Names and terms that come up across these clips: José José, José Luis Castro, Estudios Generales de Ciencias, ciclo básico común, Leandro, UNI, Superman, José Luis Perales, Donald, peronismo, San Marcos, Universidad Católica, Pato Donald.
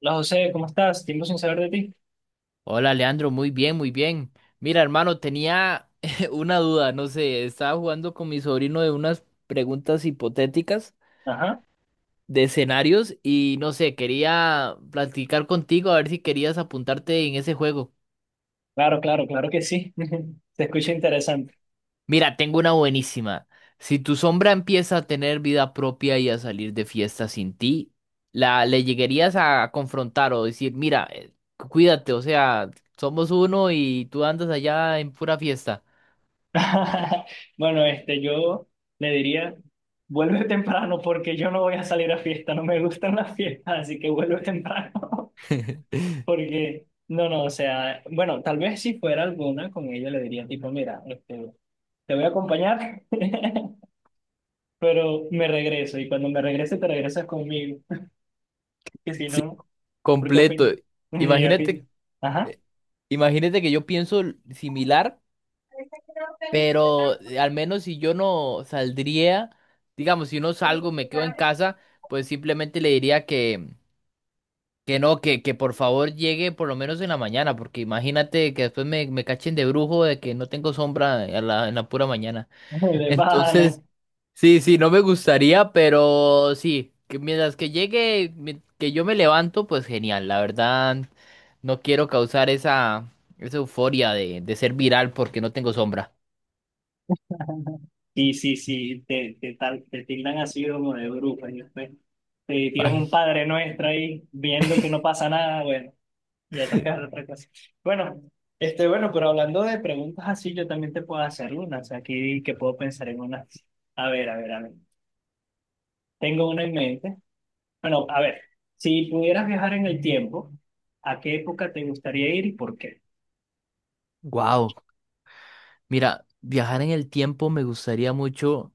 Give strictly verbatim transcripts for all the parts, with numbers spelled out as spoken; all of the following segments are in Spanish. Hola José, ¿cómo estás? Tiempo sin saber de ti. Hola Leandro, muy bien, muy bien. Mira, hermano, tenía una duda, no sé, estaba jugando con mi sobrino de unas preguntas hipotéticas Ajá, de escenarios y no sé, quería platicar contigo a ver si querías apuntarte en ese juego. claro, claro, claro que sí. Se escucha interesante. Mira, tengo una buenísima. Si tu sombra empieza a tener vida propia y a salir de fiesta sin ti, la le llegarías a confrontar o decir, mira, eh, cuídate, o sea, somos uno y tú andas allá en pura fiesta. Bueno, este, yo le diría, vuelve temprano porque yo no voy a salir a fiesta, no me gustan las fiestas, así que vuelve temprano. Porque, no, no, o sea, bueno, tal vez si fuera alguna con ella le diría tipo, mira, este, te voy a acompañar, pero me regreso y cuando me regrese te regresas conmigo, que si Sí. no, porque a Completo. fin, y a Imagínate, fin. Ajá. eh, imagínate que yo pienso l- similar, pero eh, al menos si yo no saldría, digamos, si no salgo, me quedo en casa, pues simplemente le diría que, que no, que, que por favor llegue por lo menos en la mañana, porque imagínate que después me, me cachen de brujo de que no tengo sombra a la- en la pura mañana. De pana. Entonces, sí, sí, no me gustaría, pero sí, que mientras que llegue, mi- que yo me levanto, pues genial, la verdad, no quiero causar esa, esa euforia de, de ser viral porque no tengo sombra. Sí, sí, sí, te, te, tal- te tildan así como de bruja, y después te tiran Ay, un padre nuestro ahí viendo que no pasa nada, bueno, ya toca otra cosa. Bueno, este, bueno, pero hablando de preguntas así, yo también te puedo hacer unas, aquí que puedo pensar en unas. A ver, a ver, a ver. Tengo una en mente. Bueno, a ver, si pudieras viajar en el tiempo, ¿a qué época te gustaría ir y por qué? wow. Mira, viajar en el tiempo me gustaría mucho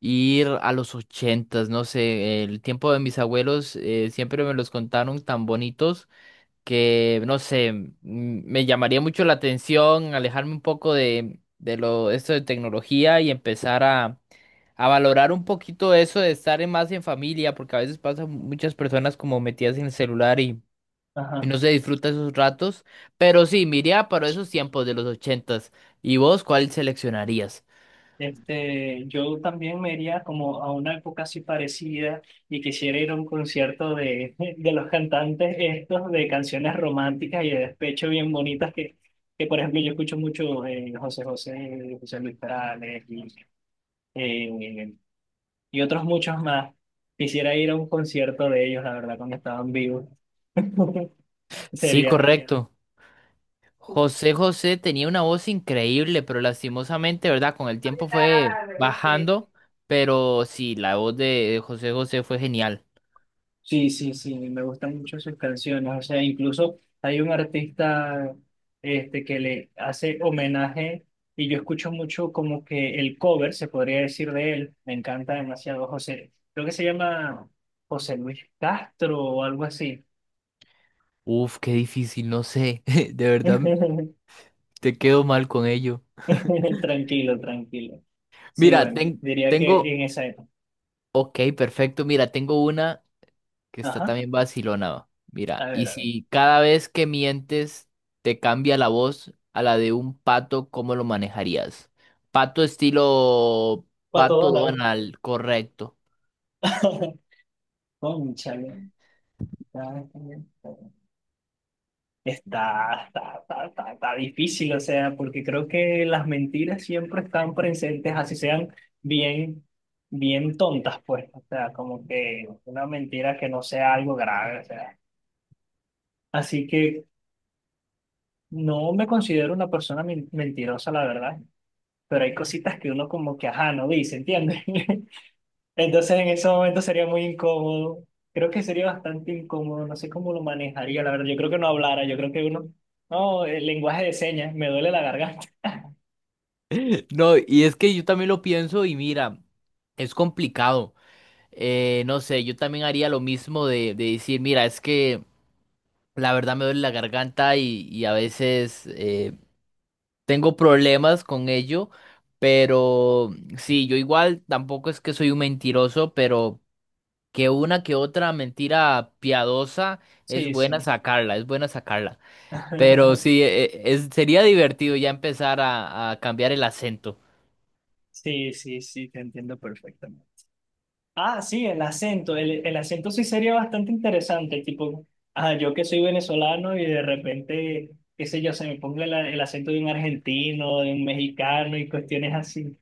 ir a los ochentas, no sé, el tiempo de mis abuelos eh, siempre me los contaron tan bonitos que, no sé, m- me llamaría mucho la atención alejarme un poco de, de lo, esto de tecnología y empezar a, a valorar un poquito eso de estar en- más en familia, porque a veces pasan muchas personas como metidas en el celular y, y Ajá. no se disfruta esos ratos. Pero sí, me iría para esos tiempos de los ochentas. ¿Y vos cuál seleccionarías? Este, yo también me iría como a una época así parecida y quisiera ir a un concierto de, de los cantantes estos de canciones románticas y de despecho bien bonitas que, que por ejemplo yo escucho mucho eh, José José, José Luis Perales y, eh, y otros muchos más. Quisiera ir a un concierto de ellos, la verdad, cuando estaban vivos. Sí, Sería. correcto. José José tenía una voz increíble, pero lastimosamente, ¿verdad? Con el tiempo fue bajando, pero sí, la voz de de José José fue genial. Sí, sí, sí, me gustan mucho sus canciones. O sea, incluso hay un artista este, que le hace homenaje y yo escucho mucho como que el cover, se podría decir de él. Me encanta demasiado José. Creo que se llama José Luis Castro o algo así. Uf, qué difícil, no sé. De verdad, te quedo mal con ello. Tranquilo, tranquilo. Sí, Mira, bueno, ten- diría que tengo. en esa época. Ok, perfecto. Mira, tengo una que está Ajá, también vacilona. a Mira, y ver, a ver. si cada vez que mientes te cambia la voz a la de un pato, ¿cómo lo manejarías? Pato estilo Pato pato Donald. Donald, correcto. Cónchale. Está, está, está, está, está difícil, o sea, porque creo que las mentiras siempre están presentes, así sean bien, bien tontas, pues, o sea, como que una mentira que no sea algo grave, o sea. Así que no me considero una persona men- mentirosa, la verdad, pero hay cositas que uno como que, ajá, no dice, ¿entiendes? Entonces en ese momento sería muy incómodo, creo que sería bastante incómodo, no sé cómo lo manejaría, la verdad, yo creo que no hablara, yo creo que uno... No, el lenguaje de señas, me duele la garganta. No, y es que yo también lo pienso y mira, es complicado. Eh, no sé, yo también haría lo mismo de, de decir, mira, es que la verdad me duele la garganta y, y a veces eh, tengo problemas con ello, pero sí, yo igual tampoco es que soy un mentiroso, pero que una que otra mentira piadosa es Sí, buena sí. sacarla, es buena sacarla. Pero sí, e- e- es- sería divertido ya empezar a a cambiar el acento. Sí, sí, sí, te entiendo perfectamente. Ah, sí, el acento. El, el acento sí sería bastante interesante. Tipo, ah, yo que soy venezolano y de repente, qué sé yo, se me ponga el, el acento de un argentino, de un mexicano y cuestiones así.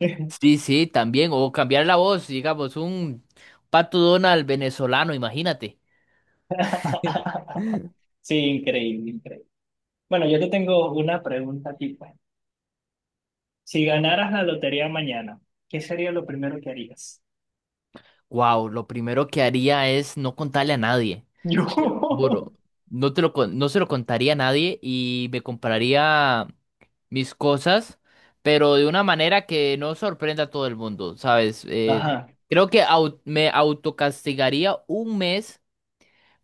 Sí, sí, también. O cambiar la voz, digamos, un Pato Donald venezolano, imagínate. Sí, increíble, increíble. Bueno, yo te tengo una pregunta tipo. Si ganaras la lotería mañana, ¿qué sería lo primero que harías? Wow, lo primero que haría es no contarle a nadie. Te lo Yo. juro. No te lo, con- no se lo contaría a nadie y me compraría mis cosas, pero de una manera que no sorprenda a todo el mundo, ¿sabes? Eh, Ajá. Creo que au- me autocastigaría un mes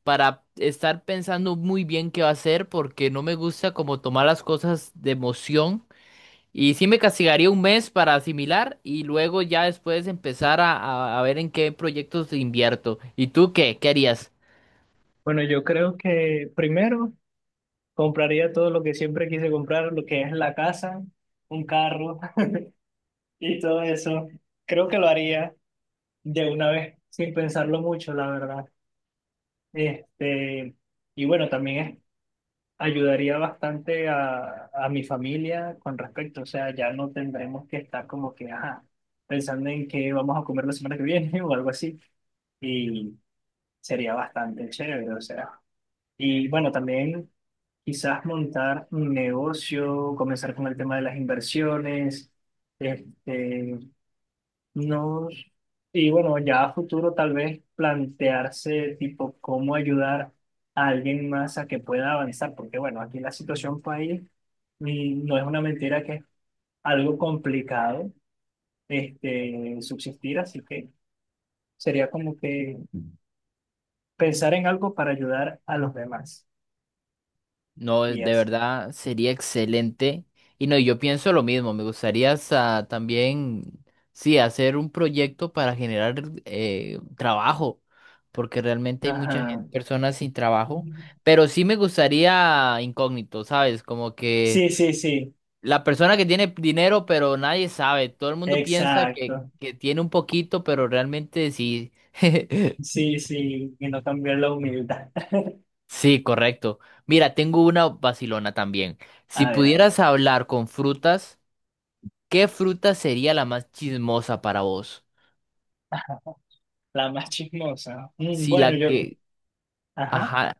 para estar pensando muy bien qué va a hacer porque no me gusta como tomar las cosas de emoción. Y sí me castigaría un mes para asimilar y luego ya después empezar a, a- a ver en qué proyectos invierto. ¿Y tú qué? ¿Qué harías? Bueno, yo creo que primero. Compraría todo lo que siempre quise comprar, lo que es la casa, un carro y todo eso. Creo que lo haría de una vez, sin pensarlo mucho, la verdad. Este, y bueno, también es- ayudaría bastante a, a mi familia con respecto. O sea, ya no tendremos que estar como que, ajá, pensando en qué vamos a comer la semana que viene o algo así. Y sería bastante chévere, o sea. Y bueno, también. Quizás montar un negocio, comenzar con el tema de las inversiones, este, no, y bueno, ya a futuro tal vez plantearse tipo cómo ayudar a alguien más a que pueda avanzar, porque bueno, aquí la situación país y no es una mentira que es algo complicado este, subsistir, así que sería como que pensar en algo para ayudar a los demás. No, Y de así. verdad sería excelente. Y no, yo pienso lo mismo. Me gustaría hasta también, sí, hacer un proyecto para generar eh, trabajo, porque realmente hay muchas Ajá. personas sin trabajo. Pero sí me gustaría incógnito, ¿sabes? Como que Sí, sí, sí. la persona que tiene dinero, pero nadie sabe. Todo el mundo piensa que, Exacto. que tiene un poquito, pero realmente sí. Sí, sí, y no cambiar la humildad. Sí, correcto. Mira, tengo una vacilona también. Si A ver, a ver. pudieras hablar con frutas, ¿qué fruta sería la más chismosa para vos? Ajá. La más chismosa. Mm, Si bueno, la yo, que. ajá. Ajá.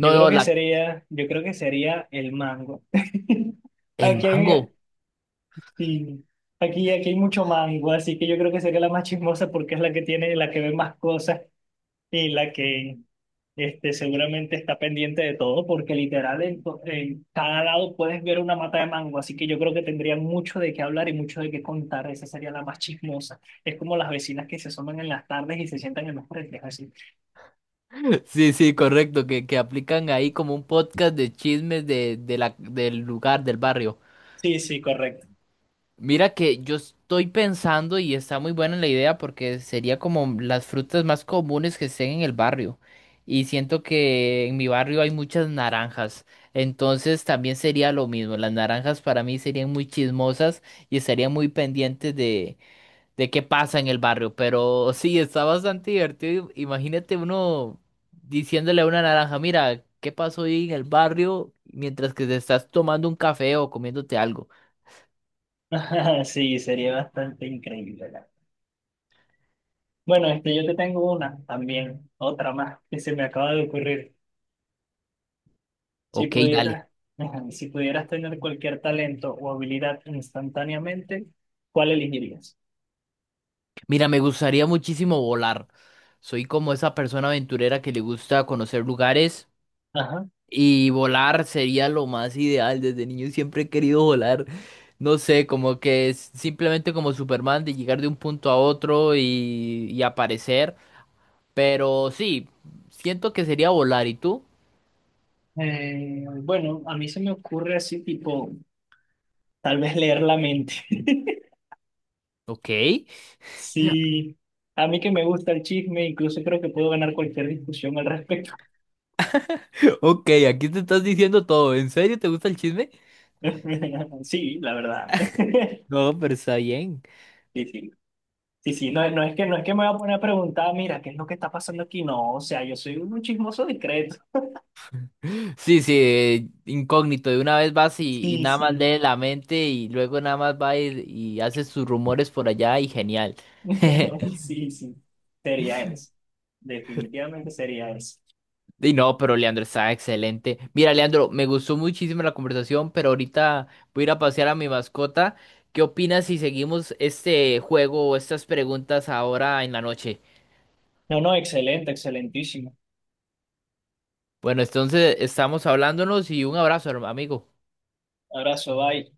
Yo creo no, que la. sería, yo creo que sería el mango. El Aquí hay, mango. sí, aquí, aquí hay mucho mango, así que yo creo que sería la más chismosa porque es la que tiene, la que ve más cosas y la que. Este, seguramente está pendiente de todo porque literal en, to- en cada lado puedes ver una mata de mango, así que yo creo que tendrían mucho de qué hablar y mucho de qué contar. Esa sería la más chismosa. Es como las vecinas que se asoman en las tardes y se sientan en los frentes, así. Sí, sí, correcto. Que, que aplican ahí como un podcast de chismes de, de la, del lugar, del barrio. Sí, sí, correcto. Mira que yo estoy pensando y está muy buena la idea porque sería como las frutas más comunes que estén en el barrio. Y siento que en mi barrio hay muchas naranjas. Entonces también sería lo mismo. Las naranjas para mí serían muy chismosas y estarían muy pendientes de, de qué pasa en el barrio. Pero sí, está bastante divertido. Imagínate uno diciéndole a una naranja, mira, ¿qué pasó hoy en el barrio? Mientras que te estás tomando un café o comiéndote algo. Sí, sería bastante increíble. La- Bueno, este, yo te tengo una también, otra más que se me acaba de ocurrir. Si Ok, dale. pudieras, si pudieras tener cualquier talento o habilidad instantáneamente, ¿cuál elegirías? Mira, me gustaría muchísimo volar. Soy como esa persona aventurera que le gusta conocer lugares y volar sería lo más ideal. Desde niño siempre he querido volar. No sé, como que es simplemente como Superman de llegar de un punto a otro y, y aparecer. Pero sí, siento que sería volar. ¿Y tú? Eh, bueno, a mí se me ocurre así, tipo, tal vez leer la mente. Ok. Sí, a mí que me gusta el chisme, incluso creo que puedo ganar cualquier discusión al respecto. Ok, aquí te estás diciendo todo. ¿En serio te gusta el chisme? Sí, la verdad. No, pero está bien. Sí, sí. Sí, sí, no, no es que, no es que me voy a poner a preguntar, mira, ¿qué es lo que está pasando aquí? No, o sea, yo soy un chismoso discreto. Sí, sí, eh, incógnito, de una vez vas y, y Sí, nada más sí. lee la mente y luego nada más va y, y haces sus rumores por allá y genial. Sí, sí. Sería eso. Definitivamente sería eso. Y no, pero Leandro está excelente. Mira, Leandro, me gustó muchísimo la conversación, pero ahorita voy a ir a pasear a mi mascota. ¿Qué opinas si seguimos este juego o estas preguntas ahora en la noche? No, no, excelente, excelentísimo. Bueno, entonces estamos hablándonos y un abrazo, herma- amigo. Abrazo, bye.